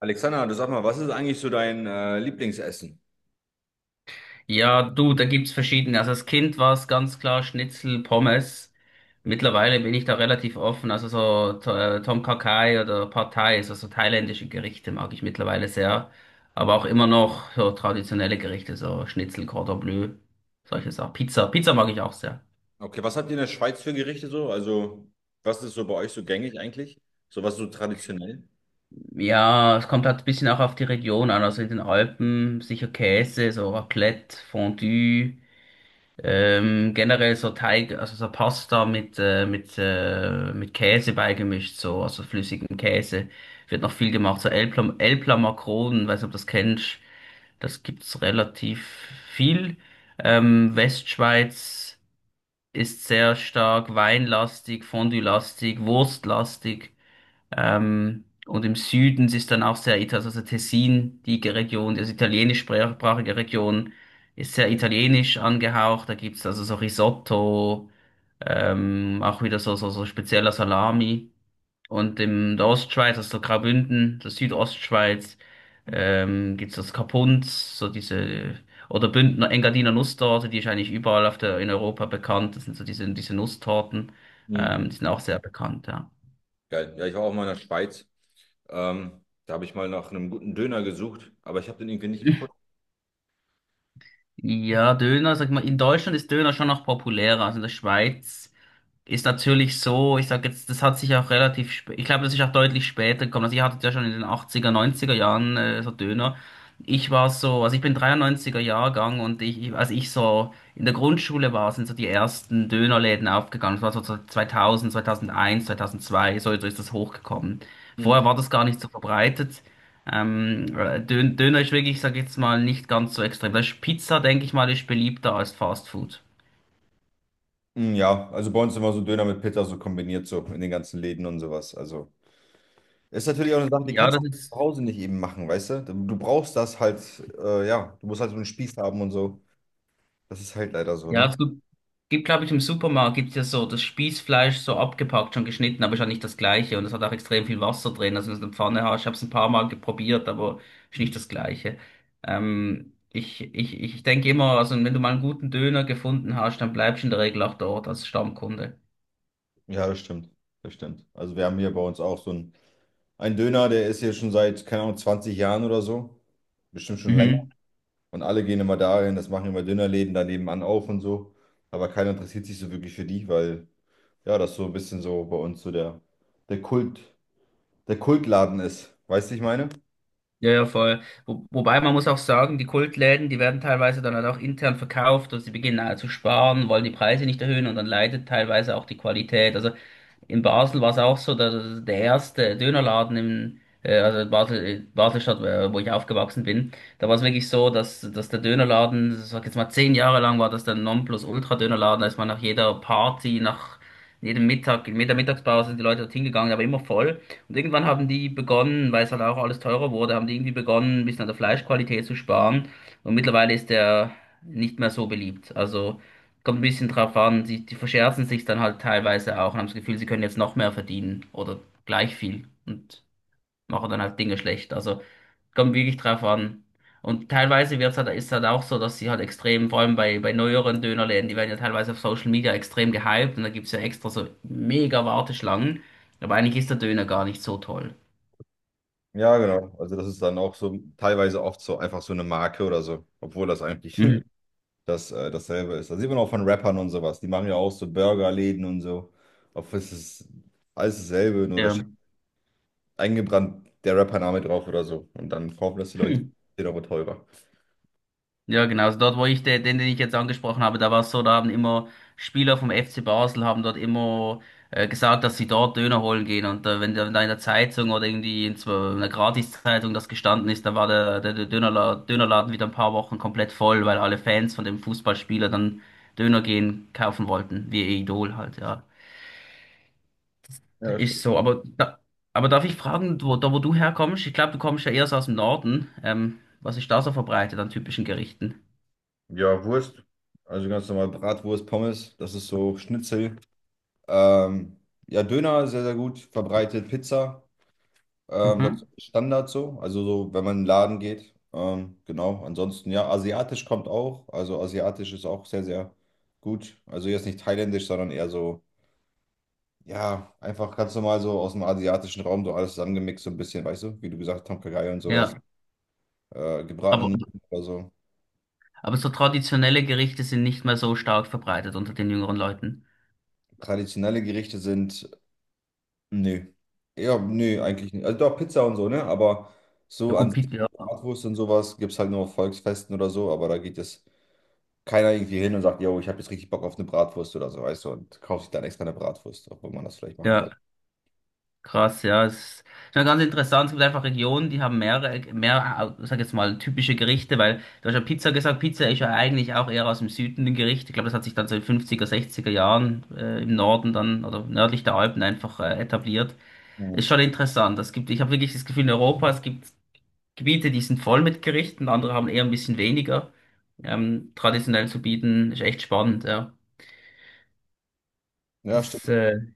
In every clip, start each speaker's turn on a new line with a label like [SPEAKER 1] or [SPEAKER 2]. [SPEAKER 1] Alexander, du sag mal, was ist eigentlich so dein Lieblingsessen?
[SPEAKER 2] Ja, du, da gibt's verschiedene. Also als Kind war es ganz klar Schnitzel, Pommes. Mittlerweile bin ich da relativ offen. Also so Tom Kha Kai oder Pad Thai, also so thailändische Gerichte mag ich mittlerweile sehr. Aber auch immer noch so traditionelle Gerichte, so Schnitzel, Cordon Bleu, solche Sachen. Pizza, Pizza mag ich auch sehr.
[SPEAKER 1] Okay, was habt ihr in der Schweiz für Gerichte so? Also, was ist so bei euch so gängig eigentlich? So was so traditionell?
[SPEAKER 2] Ja, es kommt halt ein bisschen auch auf die Region an. Also in den Alpen sicher Käse, so Raclette, Fondue. Generell so Teig, also so Pasta mit Käse beigemischt, so, also flüssigem Käse. Wird noch viel gemacht. So Elpla, Elpla Makronen, weiß nicht, ob du das kennst. Das gibt's relativ viel. Westschweiz ist sehr stark weinlastig, fondue-lastig, wurstlastig. Und im Süden ist dann auch sehr italienisch, also Tessin, die Region, also italienischsprachige Region, ist sehr italienisch angehaucht. Da gibt's also so Risotto, auch wieder so spezieller Salami. Und in der Ostschweiz, also so Graubünden, der Südostschweiz, gibt's das Kapunz, so diese, oder Bündner, Engadiner Nusstorte, die ist eigentlich überall auf der, in Europa bekannt. Das sind so diese Nusstorten,
[SPEAKER 1] Hm.
[SPEAKER 2] die sind auch sehr bekannt, ja.
[SPEAKER 1] Geil. Ja, ich war auch mal in der Schweiz. Da habe ich mal nach einem guten Döner gesucht, aber ich habe den irgendwie nicht gefunden.
[SPEAKER 2] Ja, Döner, sag mal, in Deutschland ist Döner schon noch populärer als in der Schweiz, ist natürlich so, ich sag jetzt, das hat sich auch relativ spät, ich glaube, das ist auch deutlich später gekommen. Also ihr hattet ja schon in den achtziger, neunziger Jahren so Döner. Ich war so, also ich bin 93 Jahrgang und als ich so in der Grundschule war, sind so die ersten Dönerläden aufgegangen. Das war so 2000, 2001, 2002, so ist das hochgekommen.
[SPEAKER 1] Hm.
[SPEAKER 2] Vorher war das gar nicht so verbreitet. Döner ist wirklich, ich sag jetzt mal, nicht ganz so extrem. Das ist Pizza, denke ich mal, ist beliebter als Fast Food.
[SPEAKER 1] Hm, ja, also bei uns immer so Döner mit Pizza so kombiniert so in den ganzen Läden und sowas. Also ist natürlich auch eine Sache, die
[SPEAKER 2] Ja,
[SPEAKER 1] kannst du
[SPEAKER 2] das
[SPEAKER 1] auch zu
[SPEAKER 2] ist,
[SPEAKER 1] Hause nicht eben machen, weißt du? Du brauchst das halt, ja, du musst halt so einen Spieß haben und so. Das ist halt leider so,
[SPEAKER 2] ja,
[SPEAKER 1] ne?
[SPEAKER 2] das gibt, glaube ich, im Supermarkt gibt's ja so das Spießfleisch so abgepackt, schon geschnitten, aber ist ja nicht das gleiche. Und es hat auch extrem viel Wasser drin. Also wenn du eine Pfanne hast, ich habe es ein paar Mal geprobiert, aber ist nicht das gleiche. Ich denke immer, also wenn du mal einen guten Döner gefunden hast, dann bleibst du in der Regel auch dort als Stammkunde.
[SPEAKER 1] Ja, das stimmt. Das stimmt. Also wir haben hier bei uns auch so einen, einen Döner, der ist hier schon seit, keine Ahnung, 20 Jahren oder so. Bestimmt schon länger.
[SPEAKER 2] Mhm.
[SPEAKER 1] Und alle gehen immer dahin, das machen immer Dönerläden da nebenan auf und so. Aber keiner interessiert sich so wirklich für die, weil ja, das so ein bisschen so bei uns so der, der Kult, der Kultladen ist. Weißt du, ich meine?
[SPEAKER 2] Ja, ja, voll. Wobei man muss auch sagen, die Kultläden, die werden teilweise dann halt auch intern verkauft, also sie beginnen zu sparen, wollen die Preise nicht erhöhen und dann leidet teilweise auch die Qualität. Also in Basel war es auch so, der erste Dönerladen im, also in Basel, Baselstadt, wo ich aufgewachsen bin, da war es wirklich so, dass der Dönerladen, sag jetzt mal 10 Jahre lang war das der Nonplusultra-Dönerladen, da ist man nach jeder Party, nach jedem Mittag, in jeder Mittagspause sind die Leute dorthin gegangen, aber immer voll. Und irgendwann haben die begonnen, weil es halt auch alles teurer wurde, haben die irgendwie begonnen, ein bisschen an der Fleischqualität zu sparen. Und mittlerweile ist der nicht mehr so beliebt. Also, kommt ein bisschen drauf an, die verscherzen sich dann halt teilweise auch und haben das Gefühl, sie können jetzt noch mehr verdienen oder gleich viel und machen dann halt Dinge schlecht. Also kommt wirklich drauf an. Und teilweise wird's halt, ist halt auch so, dass sie halt extrem, vor allem bei neueren Dönerläden, die werden ja teilweise auf Social Media extrem gehypt und da gibt's ja extra so mega Warteschlangen. Aber eigentlich ist der Döner gar nicht so toll.
[SPEAKER 1] Ja, genau. Also das ist dann auch so teilweise oft so einfach so eine Marke oder so, obwohl das eigentlich
[SPEAKER 2] Mhm.
[SPEAKER 1] dasselbe ist. Das sieht man auch von Rappern und sowas. Die machen ja auch so Burgerläden und so. Auf es ist alles dasselbe, nur da
[SPEAKER 2] Ja.
[SPEAKER 1] steht eingebrannt der Rappername drauf oder so. Und dann kaufen das die Leute, steht aber teurer.
[SPEAKER 2] Ja, genau. Also dort, wo ich den ich jetzt angesprochen habe, da war es so, da haben immer Spieler vom FC Basel haben dort immer gesagt, dass sie dort Döner holen gehen. Und wenn da in der Zeitung oder irgendwie in so einer Gratiszeitung das gestanden ist, dann war der, der, der Dönerla Dönerladen wieder ein paar Wochen komplett voll, weil alle Fans von dem Fußballspieler dann Döner gehen kaufen wollten, wie ihr Idol halt, ja. Das
[SPEAKER 1] Ja,
[SPEAKER 2] ist
[SPEAKER 1] stimmt.
[SPEAKER 2] so, aber da, aber darf ich fragen, da wo du herkommst? Ich glaube, du kommst ja eher so aus dem Norden. Was ist da so verbreitet an typischen Gerichten?
[SPEAKER 1] Ja, Wurst. Also ganz normal Bratwurst, Pommes, das ist so Schnitzel. Ähm, ja, Döner sehr, sehr gut verbreitet. Pizza. Das
[SPEAKER 2] Mhm.
[SPEAKER 1] ist Standard so, also so, wenn man in den Laden geht. Genau, ansonsten ja, asiatisch kommt auch. Also asiatisch ist auch sehr, sehr gut. Also jetzt nicht thailändisch, sondern eher so, ja, einfach ganz normal so aus dem asiatischen Raum so alles zusammengemixt, so ein bisschen, weißt du, wie du gesagt hast, Tom Kha Gai und sowas.
[SPEAKER 2] Ja.
[SPEAKER 1] Gebratene
[SPEAKER 2] Aber,
[SPEAKER 1] Nudeln oder so.
[SPEAKER 2] aber so traditionelle Gerichte sind nicht mehr so stark verbreitet unter den jüngeren Leuten.
[SPEAKER 1] Traditionelle Gerichte sind, nö. Ja, nö, eigentlich nicht. Also doch Pizza und so, ne? Aber
[SPEAKER 2] Ja,
[SPEAKER 1] so an
[SPEAKER 2] gut,
[SPEAKER 1] sich,
[SPEAKER 2] Pizza. Ja,
[SPEAKER 1] Bratwurst und sowas gibt es halt nur auf Volksfesten oder so, aber da geht es keiner irgendwie hin und sagt, yo, ich habe jetzt richtig Bock auf eine Bratwurst oder so, weißt du, und kauft sich dann extra eine Bratwurst, obwohl man das vielleicht machen soll.
[SPEAKER 2] ja, krass, ja. Es ist schon ganz interessant. Es gibt einfach Regionen, die haben sag jetzt mal, typische Gerichte, weil du hast ja Pizza gesagt. Pizza ist ja eigentlich auch eher aus dem Süden ein Gericht. Ich glaube, das hat sich dann so in 50er, 60er Jahren im Norden dann oder nördlich der Alpen einfach etabliert. Ist
[SPEAKER 1] Mhm.
[SPEAKER 2] schon interessant. Es gibt, ich habe wirklich das Gefühl, in Europa, es gibt Gebiete, die sind voll mit Gerichten, andere haben eher ein bisschen weniger. Traditionell zu bieten, ist echt spannend, ja.
[SPEAKER 1] Ja,
[SPEAKER 2] Das,
[SPEAKER 1] stimmt,
[SPEAKER 2] äh,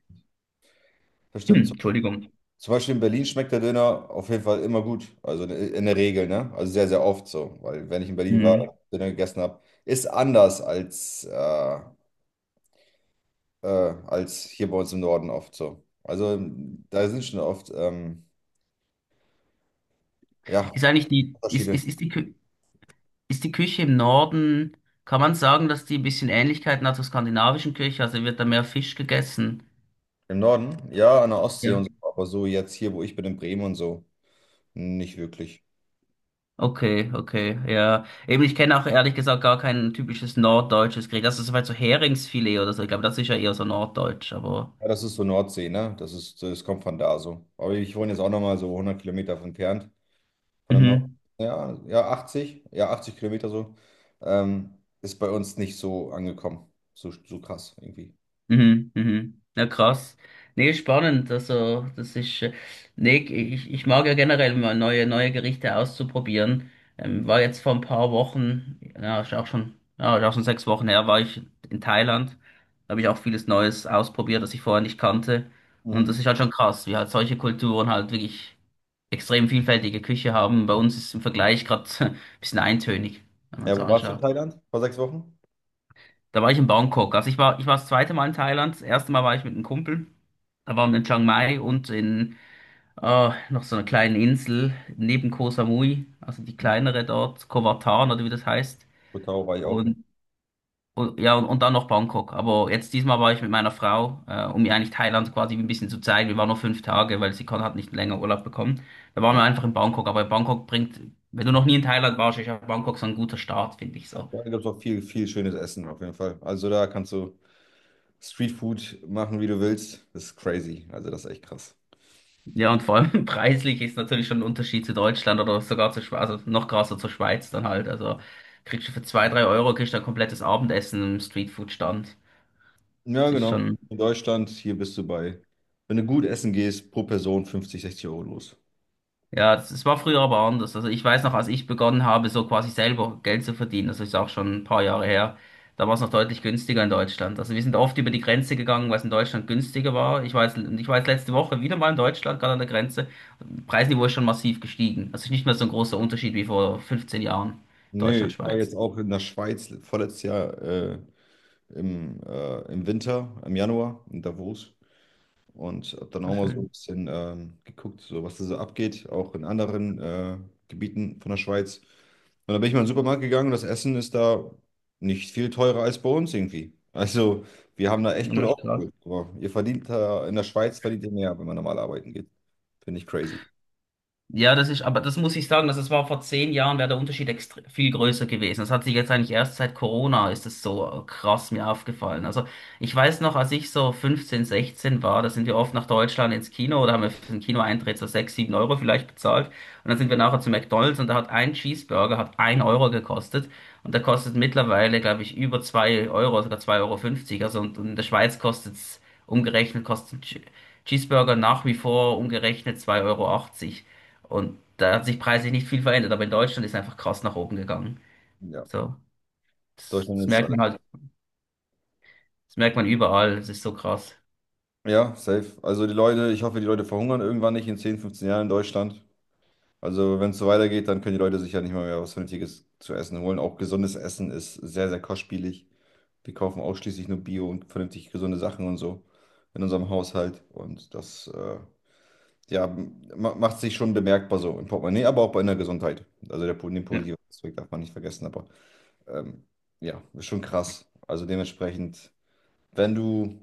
[SPEAKER 1] das stimmt. So.
[SPEAKER 2] Entschuldigung.
[SPEAKER 1] Zum Beispiel in Berlin schmeckt der Döner auf jeden Fall immer gut, also in der Regel, ne? Also sehr, sehr oft so, weil wenn ich in Berlin war,
[SPEAKER 2] Hm.
[SPEAKER 1] Döner gegessen habe, ist anders als, äh, als hier bei uns im Norden oft so. Also da sind schon oft, ja,
[SPEAKER 2] Ist eigentlich die, ist,
[SPEAKER 1] Unterschiede.
[SPEAKER 2] ist, ist die, Kü- ist die Küche im Norden, kann man sagen, dass die ein bisschen Ähnlichkeiten hat zur skandinavischen Küche, also wird da mehr Fisch gegessen?
[SPEAKER 1] Im Norden, ja, an der Ostsee
[SPEAKER 2] Ja.
[SPEAKER 1] und so, aber so jetzt hier, wo ich bin, in Bremen und so, nicht wirklich.
[SPEAKER 2] Okay, okay, ja. Eben, ich kenne auch ehrlich gesagt gar kein typisches norddeutsches Gericht. Also, soweit so Heringsfilet oder so. Ich glaube, das ist ja eher so norddeutsch, aber.
[SPEAKER 1] Ja, das ist so Nordsee, ne? Das ist, das kommt von da so. Aber ich wohne jetzt auch nochmal so 100 Kilometer von entfernt, von der Nord.
[SPEAKER 2] Mhm.
[SPEAKER 1] Ja, ja, 80, ja, 80 Kilometer so. Ähm, ist bei uns nicht so angekommen. So, so krass irgendwie.
[SPEAKER 2] Mhm, mhm. Ja, krass. Nee, spannend. Also, nee, ich mag ja generell mal neue, neue Gerichte auszuprobieren. War jetzt vor ein paar Wochen, ja, ist auch schon 6 Wochen her, war ich in Thailand. Da habe ich auch vieles Neues ausprobiert, das ich vorher nicht kannte. Und
[SPEAKER 1] Mhm.
[SPEAKER 2] das ist halt schon krass, wie halt solche Kulturen halt wirklich extrem vielfältige Küche haben. Bei uns ist im Vergleich gerade ein bisschen eintönig, wenn man es
[SPEAKER 1] Ja, wo warst du in
[SPEAKER 2] anschaut.
[SPEAKER 1] Thailand? Vor 6 Wochen?
[SPEAKER 2] Da war ich in Bangkok. Also ich war das zweite Mal in Thailand. Das erste Mal war ich mit einem Kumpel. Da waren wir in Chiang Mai und in noch so einer kleinen Insel neben Koh Samui, also die
[SPEAKER 1] Mhm.
[SPEAKER 2] kleinere dort, Koh Latan oder wie das heißt.
[SPEAKER 1] Koh Tao war ich auch. Ja,
[SPEAKER 2] Und, und dann noch Bangkok. Aber jetzt diesmal war ich mit meiner Frau, um ihr eigentlich Thailand quasi ein bisschen zu zeigen. Wir waren nur 5 Tage, weil sie hat nicht länger Urlaub bekommen. Da waren wir einfach in Bangkok. Aber Bangkok bringt, wenn du noch nie in Thailand warst, ist ja Bangkok so ein guter Start, finde ich so.
[SPEAKER 1] ja, da gibt es auch viel, viel schönes Essen auf jeden Fall. Also da kannst du Streetfood machen, wie du willst. Das ist crazy. Also das ist echt krass.
[SPEAKER 2] Ja, und vor allem preislich ist natürlich schon ein Unterschied zu Deutschland oder sogar zu Schweiz, also noch krasser zur Schweiz dann halt. Also kriegst du für 2, 3 Euro kriegst du ein komplettes Abendessen im Streetfood-Stand.
[SPEAKER 1] Ja,
[SPEAKER 2] Das ist
[SPEAKER 1] genau.
[SPEAKER 2] schon.
[SPEAKER 1] In Deutschland, hier bist du bei, wenn du gut essen gehst, pro Person 50, 60 Euro los.
[SPEAKER 2] Ja, das war früher aber anders. Also ich weiß noch, als ich begonnen habe, so quasi selber Geld zu verdienen, das ist auch schon ein paar Jahre her, da war es noch deutlich günstiger in Deutschland. Also wir sind oft über die Grenze gegangen, weil es in Deutschland günstiger war. Ich war jetzt letzte Woche wieder mal in Deutschland, gerade an der Grenze. Preisniveau ist schon massiv gestiegen. Also nicht mehr so ein großer Unterschied wie vor 15 Jahren.
[SPEAKER 1] Nee,
[SPEAKER 2] Deutschland,
[SPEAKER 1] ich war jetzt
[SPEAKER 2] Schweiz.
[SPEAKER 1] auch in der Schweiz vorletztes Jahr im, im Winter, im Januar in Davos und habe dann
[SPEAKER 2] Na
[SPEAKER 1] auch mal so
[SPEAKER 2] schön.
[SPEAKER 1] ein bisschen geguckt, so was da so abgeht, auch in anderen Gebieten von der Schweiz. Und dann bin ich mal in den Supermarkt gegangen und das Essen ist da nicht viel teurer als bei uns irgendwie. Also, wir haben da echt gut
[SPEAKER 2] Na,
[SPEAKER 1] aufgeholt. Aber ihr verdient da, in der Schweiz verdient ihr mehr, wenn man normal arbeiten geht. Finde ich crazy.
[SPEAKER 2] ja, das ist, aber das muss ich sagen, dass es war vor 10 Jahren, wäre der Unterschied viel größer gewesen. Das hat sich jetzt eigentlich erst seit Corona ist es so krass mir aufgefallen. Also ich weiß noch, als ich so 15, 16 war, da sind wir oft nach Deutschland ins Kino oder haben wir für den Kinoeintritt so 6, 7 Euro vielleicht bezahlt. Und dann sind wir nachher zu McDonald's und da hat ein Cheeseburger hat ein Euro gekostet. Und der kostet mittlerweile, glaube ich, über zwei Euro, sogar 2 Euro fünfzig. Also und in der Schweiz kostet's umgerechnet, kostet ein Cheeseburger nach wie vor umgerechnet zwei Euro achtzig. Und da hat sich preislich nicht viel verändert, aber in Deutschland ist einfach krass nach oben gegangen.
[SPEAKER 1] Ja,
[SPEAKER 2] So, das,
[SPEAKER 1] Deutschland
[SPEAKER 2] das
[SPEAKER 1] ist
[SPEAKER 2] merkt
[SPEAKER 1] alles.
[SPEAKER 2] man halt, das merkt man überall, es ist so krass.
[SPEAKER 1] Ja, safe. Also die Leute, ich hoffe, die Leute verhungern irgendwann nicht in 10, 15 Jahren in Deutschland. Also wenn es so weitergeht, dann können die Leute sich ja nicht mal mehr was Vernünftiges zu essen holen. Auch gesundes Essen ist sehr, sehr kostspielig. Wir kaufen ausschließlich nur Bio und vernünftig gesunde Sachen und so in unserem Haushalt. Und das ja, macht sich schon bemerkbar so im Portemonnaie, aber auch bei der Gesundheit. Also der, den
[SPEAKER 2] Ja,
[SPEAKER 1] positiven Aspekt darf man nicht vergessen, aber ähm, ja, ist schon krass. Also dementsprechend, wenn du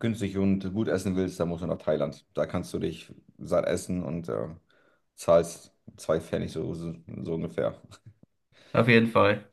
[SPEAKER 1] günstig und gut essen willst, dann musst du nach Thailand. Da kannst du dich satt essen und zahlst zwei Pfennig so, so, so ungefähr.
[SPEAKER 2] auf jeden Fall.